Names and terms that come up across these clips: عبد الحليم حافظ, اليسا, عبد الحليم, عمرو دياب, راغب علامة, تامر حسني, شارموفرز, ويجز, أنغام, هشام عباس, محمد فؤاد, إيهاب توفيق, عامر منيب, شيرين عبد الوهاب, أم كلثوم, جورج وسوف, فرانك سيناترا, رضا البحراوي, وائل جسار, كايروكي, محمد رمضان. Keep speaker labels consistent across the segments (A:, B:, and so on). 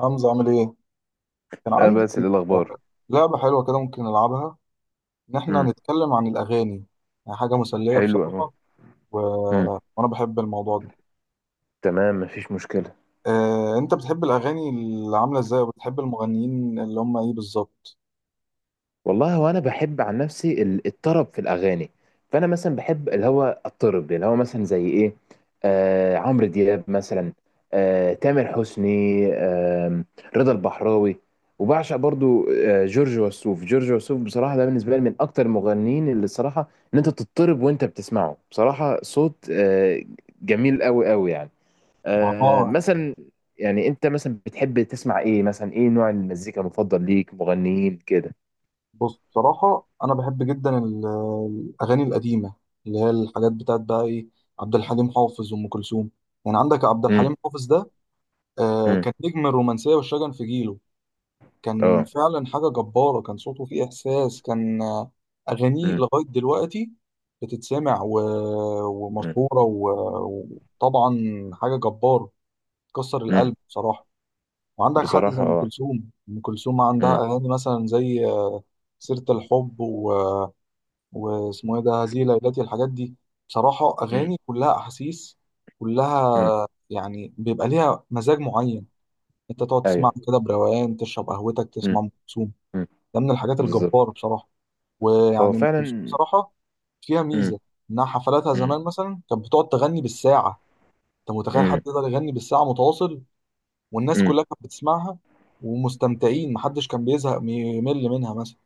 A: حمزة عامل ايه؟ كان
B: اه،
A: عندي
B: بس إيه الاخبار؟
A: آه، لعبة حلوة كده ممكن نلعبها، إن إحنا
B: امم.
A: نتكلم عن الأغاني. يعني حاجة مسلية
B: حلو اهو.
A: بصراحة. و...
B: امم.
A: وأنا بحب الموضوع ده.
B: تمام، مفيش مشكله.
A: أنت بتحب الأغاني اللي عاملة ازاي، وبتحب المغنيين اللي هم ايه بالظبط؟
B: والله هو انا بحب عن نفسي الطرب في الاغاني. فانا مثلا بحب اللي هو الطرب اللي هو مثلا زي ايه. عمرو دياب مثلا. تامر حسني. آه رضا البحراوي. وبعشق برضو جورج وسوف. جورج وسوف بصراحه ده بالنسبه لي من اكتر المغنيين، اللي الصراحه ان انت تضطرب وانت بتسمعه. بصراحه صوت جميل قوي قوي يعني.
A: ما هو
B: مثلا. يعني انت مثلا بتحب تسمع ايه؟ مثلا ايه نوع المزيكا المفضل ليك؟ مغنيين كده؟
A: بص بصراحة أنا بحب جدا الأغاني القديمة، اللي هي الحاجات بتاعت بقى ايه، عبد الحليم حافظ وأم كلثوم. يعني عندك عبد
B: امم.
A: الحليم حافظ ده،
B: امم.
A: كان نجم الرومانسية والشجن في جيله. كان
B: اه.
A: فعلا حاجة جبارة، كان صوته فيه إحساس، كان آه، أغانيه
B: امم.
A: لغاية دلوقتي بتتسمع
B: امم.
A: ومشهورة وطبعا حاجة جبارة تكسر
B: امم.
A: القلب بصراحة. وعندك حد زي
B: بصراحة
A: أم
B: اه.
A: كلثوم، أم كلثوم عندها
B: امم.
A: أغاني مثلا زي سيرة الحب واسمه إيه ده، هذه ليلتي، الحاجات دي بصراحة
B: امم.
A: أغاني كلها أحاسيس،
B: امم.
A: كلها يعني بيبقى ليها مزاج معين. أنت تقعد تسمع
B: ايوه.
A: كده بروقان، تشرب قهوتك، تسمع
B: امم.
A: أم كلثوم،
B: امم.
A: ده من الحاجات
B: بالظبط.
A: الجبارة بصراحة.
B: هو
A: ويعني أم كلثوم
B: فعلا.
A: بصراحة فيها
B: امم.
A: ميزة، إنها حفلاتها
B: امم.
A: زمان مثلا كانت بتقعد تغني بالساعة. أنت متخيل حد
B: امم.
A: يقدر يغني بالساعة متواصل، والناس
B: امم.
A: كلها كانت بتسمعها ومستمتعين، محدش كان بيزهق يمل منها مثلا.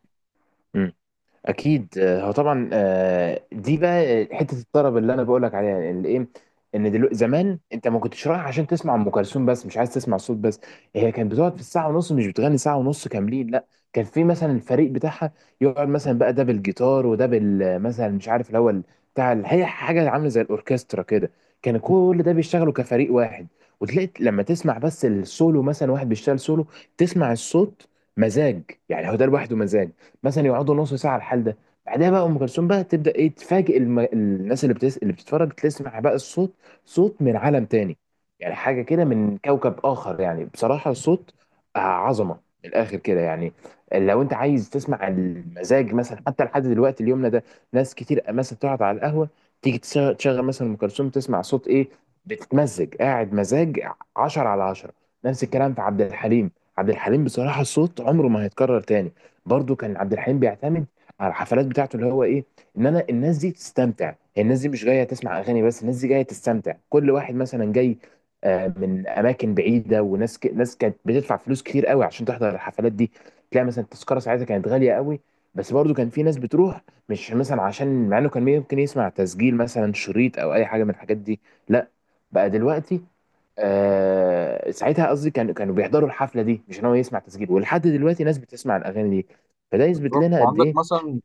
B: اكيد. هو طبعا. دي بقى حته الطرب اللي انا بقولك عليها اللي ايه، ان دلوقتي زمان انت ما كنتش رايح عشان تسمع ام كلثوم بس، مش عايز تسمع صوت بس. هي كانت بتقعد في الساعه ونص، مش بتغني ساعه ونص كاملين، لا. كان في مثلا الفريق بتاعها، يقعد مثلا بقى ده بالجيتار وده بال، مثلا مش عارف اللي هو بتاع هي حاجه عامله زي الاوركسترا كده. كان كل ده بيشتغلوا كفريق واحد. وتلاقي لما تسمع بس السولو، مثلا واحد بيشتغل سولو، تسمع الصوت. مزاج. يعني هو ده لوحده مزاج. مثلا يقعدوا نص ساعه على الحال ده. بعدها بقى ام كلثوم بقى تبدا ايه، تفاجئ الناس اللي اللي بتتفرج، تسمع بقى الصوت. صوت من عالم تاني. يعني حاجه كده من كوكب اخر، يعني بصراحه الصوت. عظمه، من الاخر كده يعني. لو انت عايز تسمع المزاج مثلا، حتى لحد دلوقتي اليومنا ده، ناس كتير مثلا تقعد على القهوه، تيجي تشغل مثلا ام كلثوم، تسمع صوت ايه، بتتمزج، قاعد مزاج. 10 على 10. نفس الكلام في عبد الحليم. عبد الحليم بصراحه الصوت عمره ما هيتكرر تاني. برضو كان عبد الحليم بيعتمد على الحفلات بتاعته اللي هو ايه، ان انا الناس دي تستمتع. هي الناس دي مش جايه تسمع اغاني بس، الناس دي جايه تستمتع. كل واحد مثلا جاي من اماكن بعيده. وناس ناس كانت بتدفع فلوس كتير قوي عشان تحضر الحفلات دي. تلاقي مثلا التذكره ساعتها كانت غاليه قوي، بس برضو كان في ناس بتروح. مش مثلا عشان، مع انه كان ممكن يسمع تسجيل، مثلا شريط او اي حاجه من الحاجات دي، لا. بقى دلوقتي، ساعتها قصدي، كانوا بيحضروا الحفله دي، مش ان هو يسمع تسجيل. ولحد دلوقتي ناس بتسمع الاغاني دي. فده يثبت
A: بالظبط،
B: لنا قد
A: وعندك
B: ايه.
A: مثلا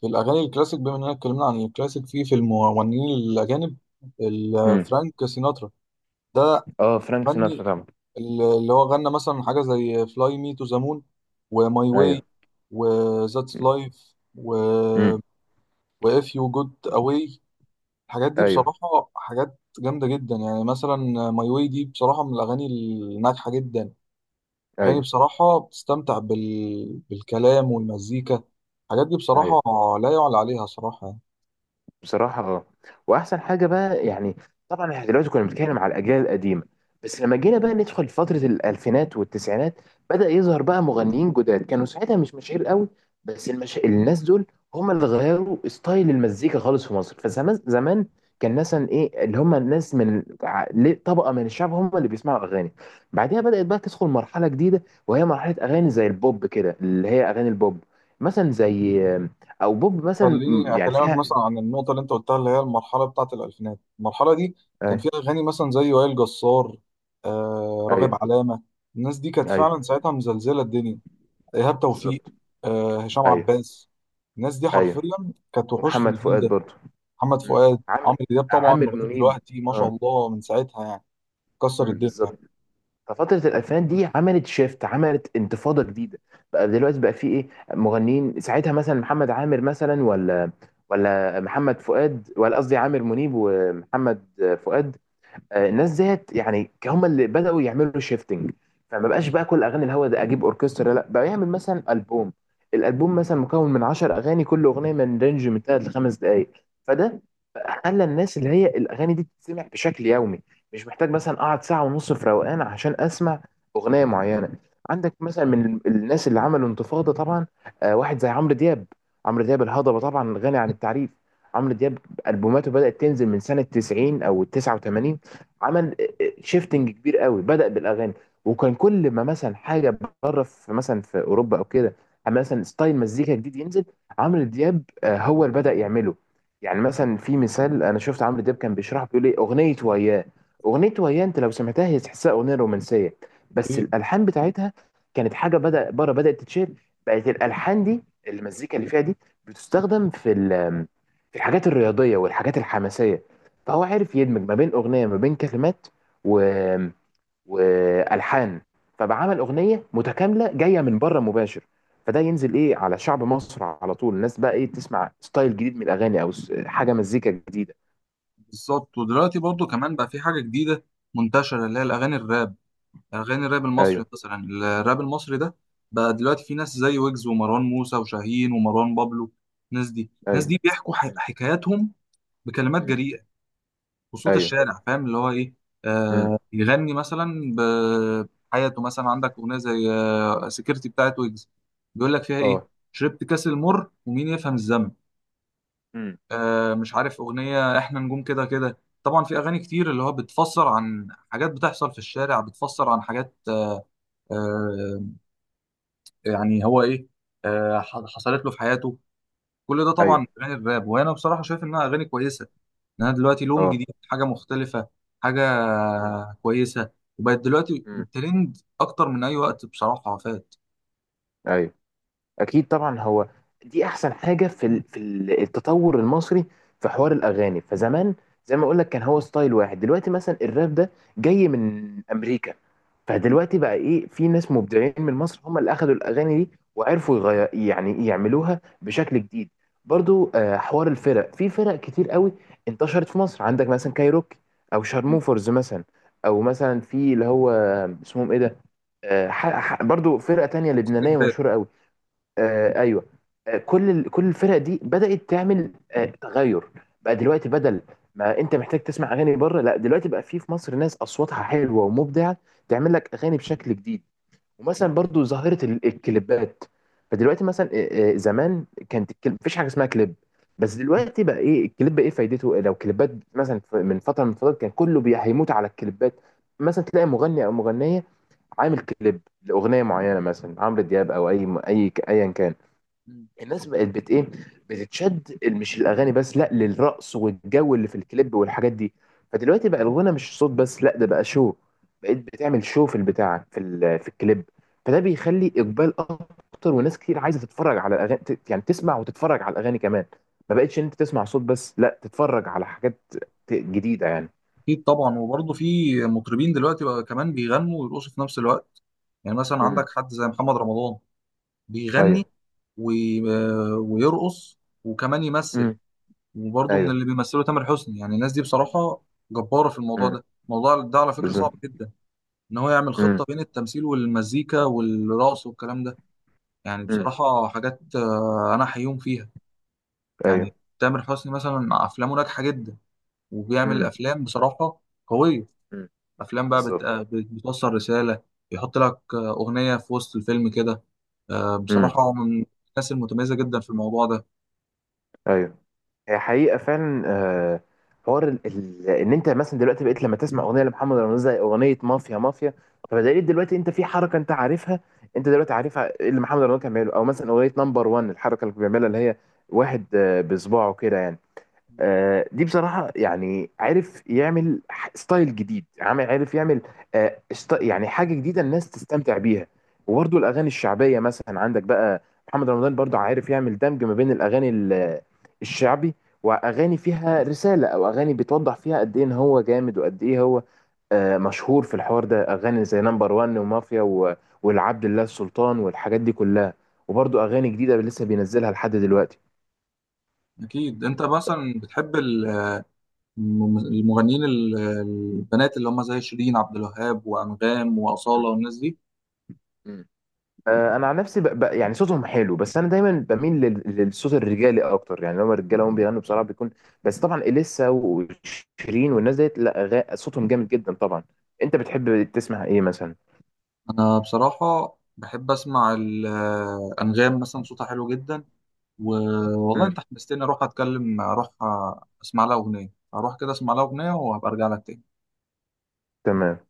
A: في الأغاني الكلاسيك، بما إننا اتكلمنا عن الكلاسيك في المغنيين الأجانب،
B: امم.
A: فرانك سيناترا ده
B: اه، فرانك سيناترا
A: غني،
B: طبعا.
A: اللي هو غنى مثلا حاجة زي فلاي مي تو ذا مون، وماي واي،
B: ايوه.
A: وذاتس لايف، و
B: امم.
A: واف يو جود اواي. الحاجات دي
B: ايوه.
A: بصراحة حاجات جامدة جدا يعني، مثلا ماي واي دي بصراحة من الأغاني الناجحة جدا. أغاني
B: ايوه.
A: بصراحة بتستمتع بالكلام والمزيكا، الحاجات دي
B: ايوه.
A: بصراحة لا يعلى عليها صراحة يعني.
B: بصراحة اه. وأحسن حاجة بقى يعني، طبعا احنا دلوقتي كنا بنتكلم على الأجيال القديمة. بس لما جينا بقى ندخل فترة الألفينات والتسعينات، بدأ يظهر بقى مغنيين جداد كانوا ساعتها مش مشاهير قوي. بس الناس دول هم اللي غيروا ستايل المزيكا خالص في مصر. فزمان زمان كان مثلا ايه اللي هم، الناس من طبقة من الشعب هم اللي بيسمعوا أغاني. بعدها بدأت بقى تدخل مرحلة جديدة، وهي مرحلة أغاني زي البوب كده، اللي هي أغاني البوب. مثلا زي، أو بوب مثلا
A: خليني
B: يعني
A: اكلمك
B: فيها.
A: مثلا عن النقطه اللي انت قلتها، اللي هي المرحله بتاعه الالفينات. المرحله دي كان فيها اغاني مثلا زي وائل جسار، راغب
B: ايوه.
A: علامه، الناس دي كانت فعلا
B: ايوه.
A: ساعتها مزلزله الدنيا، ايهاب توفيق،
B: بالظبط.
A: هشام
B: ايوه.
A: عباس. الناس دي
B: ايوه.
A: حرفيا كانت وحوش في
B: ومحمد
A: الجيل
B: فؤاد
A: ده،
B: برضه.
A: محمد
B: مم.
A: فؤاد،
B: عم...
A: عمرو دياب طبعا
B: عامر
A: لغايه
B: منيب.
A: دلوقتي ما شاء
B: اه.
A: الله من ساعتها يعني كسر
B: مم.
A: الدنيا.
B: بالظبط. ففترة الألفينات دي عملت شيفت، عملت انتفاضة جديدة. بقى دلوقتي بقى في إيه مغنيين ساعتها، مثلا محمد عامر مثلا، ولا محمد فؤاد، ولا قصدي عامر منيب ومحمد فؤاد. الناس ديت يعني هم اللي بدأوا يعملوا شيفتنج. فما بقاش بقى كل اغاني الهوا ده اجيب اوركسترا، لا، بقى يعمل مثلا البوم. الالبوم مثلا مكون من 10 اغاني، كل اغنيه من رينج من 3 ل 5 دقائق. فده خلى الناس، اللي هي الاغاني دي تتسمع بشكل يومي، مش محتاج مثلا اقعد ساعه ونص في روقان عشان اسمع اغنيه معينه. عندك مثلا من الناس اللي عملوا انتفاضه طبعا، واحد زي عمرو دياب. عمرو دياب الهضبه طبعا غني عن التعريف. عمرو دياب البوماته بدأت تنزل من سنة 90 او 89. عمل شيفتنج كبير قوي، بدأ بالاغاني. وكان كل ما مثلا حاجه بره، في مثلا في اوروبا او كده، أما مثلا ستايل مزيكا جديد ينزل، عمرو دياب هو اللي بدأ يعمله. يعني مثلا في مثال انا شفت عمرو دياب كان بيشرح، بيقول ايه اغنيه وياه. اغنيه وياه انت لو سمعتها هي تحسها اغنيه رومانسيه، بس
A: اوكي.
B: الالحان بتاعتها كانت حاجه بدأ بره بدأت تتشير. بقت الالحان دي، المزيكا اللي فيها دي، بتستخدم في في الحاجات الرياضيه والحاجات الحماسيه. فهو عرف يدمج ما بين اغنيه، ما بين كلمات، و... والحان. فبقى عمل اغنيه متكامله جايه من بره مباشر. فده ينزل ايه على شعب مصر، على طول الناس بقى ايه، تسمع ستايل جديد من الاغاني، او حاجه مزيكا جديده.
A: بالظبط، ودلوقتي برضو كمان بقى في حاجه جديده منتشره، اللي هي الاغاني الراب، اغاني الراب المصري
B: ايوه.
A: مثلا. الراب المصري ده بقى دلوقتي في ناس زي ويجز ومروان موسى وشاهين ومروان بابلو. الناس دي، الناس
B: ايوه.
A: دي بيحكوا
B: مم.
A: حكاياتهم بكلمات
B: مم.
A: جريئه وصوت
B: ايوه.
A: الشارع، فاهم اللي هو ايه؟
B: مم.
A: يغني مثلا بحياته، مثلا عندك اغنيه زي سكيورتي بتاعت ويجز، بيقول لك فيها ايه؟
B: اه.
A: شربت كاس المر ومين يفهم الذنب.
B: مم.
A: مش عارف اغنيه، احنا نجوم كده كده. طبعا في اغاني كتير اللي هو بتفسر عن حاجات بتحصل في الشارع، بتفسر عن حاجات، آه، يعني هو ايه، حصلت له في حياته. كل ده طبعا
B: ايوه.
A: من اغاني الراب، وانا بصراحه شايف انها اغاني كويسه، ان انا دلوقتي لون
B: اه.
A: جديد، حاجه مختلفه، حاجه
B: مم.
A: كويسه، وبقت دلوقتي
B: مم.
A: ترند اكتر من اي وقت بصراحه فات.
B: ايوه. اكيد طبعا هو دي احسن حاجه في التطور المصري في حوار الاغاني. فزمان، زي ما اقول لك كان هو ستايل واحد. دلوقتي مثلا الراب ده جاي من امريكا. فدلوقتي بقى ايه، في ناس مبدعين من مصر هم اللي اخذوا الاغاني دي وعرفوا يغير، يعني يعملوها بشكل جديد. برضو حوار الفرق، في فرق كتير قوي انتشرت في مصر. عندك مثلا كايروكي، او شارموفرز مثلا، او مثلا في اللي هو اسمهم ايه ده، برضو فرقه تانية لبنانيه
A: استجداد.
B: مشهوره قوي. آه ايوه. كل كل الفرق دي بدأت تعمل تغير. بقى دلوقتي بدل ما انت محتاج تسمع اغاني بره، لا، دلوقتي بقى في مصر ناس اصواتها حلوه ومبدعه تعمل لك اغاني بشكل جديد. ومثلا برضو ظاهره الكليبات. فدلوقتي مثلا، زمان كانت الكليب مفيش حاجه اسمها كليب. بس
A: م-
B: دلوقتي بقى ايه الكليب، ايه فايدته، لو كليبات مثلا، من فتره من الفترات كان كله هيموت على الكليبات. مثلا تلاقي مغني او مغنيه عامل كليب لاغنيه معينه، مثلا عمرو دياب او اي ايا كان.
A: م.
B: الناس بقت بت ايه، بتتشد، مش الاغاني بس، لا، للرقص والجو اللي في الكليب والحاجات دي. فدلوقتي بقى الغنى مش صوت بس، لا، ده بقى شو. بقيت بتعمل شو في البتاع في في الكليب. فده بيخلي اقبال اكتر، وناس كتير عايزه تتفرج على الاغاني، يعني تسمع وتتفرج على الاغاني كمان. ما بقتش ان انت تسمع صوت بس، لا، تتفرج على حاجات جديده يعني.
A: اكيد طبعا، وبرضه في مطربين دلوقتي بقى كمان بيغنوا ويرقصوا في نفس الوقت. يعني مثلا عندك
B: امم.
A: حد زي محمد رمضان، بيغني
B: ايوه.
A: وي- ويرقص وكمان يمثل.
B: امم.
A: وبرضه من
B: ايوه.
A: اللي بيمثلوا تامر حسني، يعني الناس دي بصراحة جبارة في الموضوع
B: امم.
A: ده. الموضوع ده على فكرة
B: بالظبط.
A: صعب جدا، إن هو يعمل
B: امم.
A: خطة بين التمثيل والمزيكا والرقص والكلام ده. يعني
B: امم.
A: بصراحة حاجات أنا حيوم فيها يعني.
B: ايوه.
A: تامر حسني مثلا أفلامه ناجحة جدا، وبيعمل
B: امم.
A: أفلام بصراحة قوية،
B: امم.
A: أفلام بقى
B: بالظبط.
A: بتوصل رسالة، يحط لك أغنية في وسط الفيلم كده.
B: امم.
A: بصراحة هو من الناس المتميزة جدا في الموضوع ده.
B: ايوه. هي حقيقة فعلا. حوار ان انت مثلا دلوقتي بقيت لما تسمع اغنية لمحمد رمضان زي اغنية مافيا مافيا، فبدليل دلوقتي انت في حركة انت عارفها، انت دلوقتي عارفها اللي محمد رمضان كان بيعمله. او مثلا اغنية نمبر 1، الحركة اللي بيعملها اللي هي واحد بصباعه كده يعني. دي بصراحة يعني عارف يعمل ستايل جديد. عامل، عارف يعمل يعني حاجة جديدة الناس تستمتع بيها. وبرضه الأغاني الشعبية مثلا عندك بقى محمد رمضان برضه عارف يعمل دمج ما بين الأغاني الشعبي، وأغاني فيها رسالة، أو أغاني بتوضح فيها قد إيه إن هو جامد وقد إيه هو مشهور في الحوار ده. أغاني زي نمبر وان ومافيا والعبد الله السلطان والحاجات دي كلها. وبرضه أغاني جديدة لسه بينزلها لحد دلوقتي.
A: أكيد، أنت مثلا بتحب المغنيين البنات اللي هم زي شيرين عبد الوهاب وأنغام وأصالة والناس دي؟
B: مم. انا عن نفسي يعني صوتهم حلو، بس انا دايما بميل للصوت الرجالي اكتر. يعني لما الرجاله هم بيغنوا بصراحه بيكون. بس طبعا اليسا وشيرين والناس ديت، لا، صوتهم جامد جدا طبعا. انت بتحب تسمع ايه مثلا؟
A: أنا بصراحة بحب أسمع أنغام، مثلا صوتها حلو جدا. والله
B: مم.
A: أنت حمستني أروح أتكلم، أروح أسمع لها أغنية، أروح كده أسمع لها أغنية، وهبقى أرجع لك تاني.
B: تمام.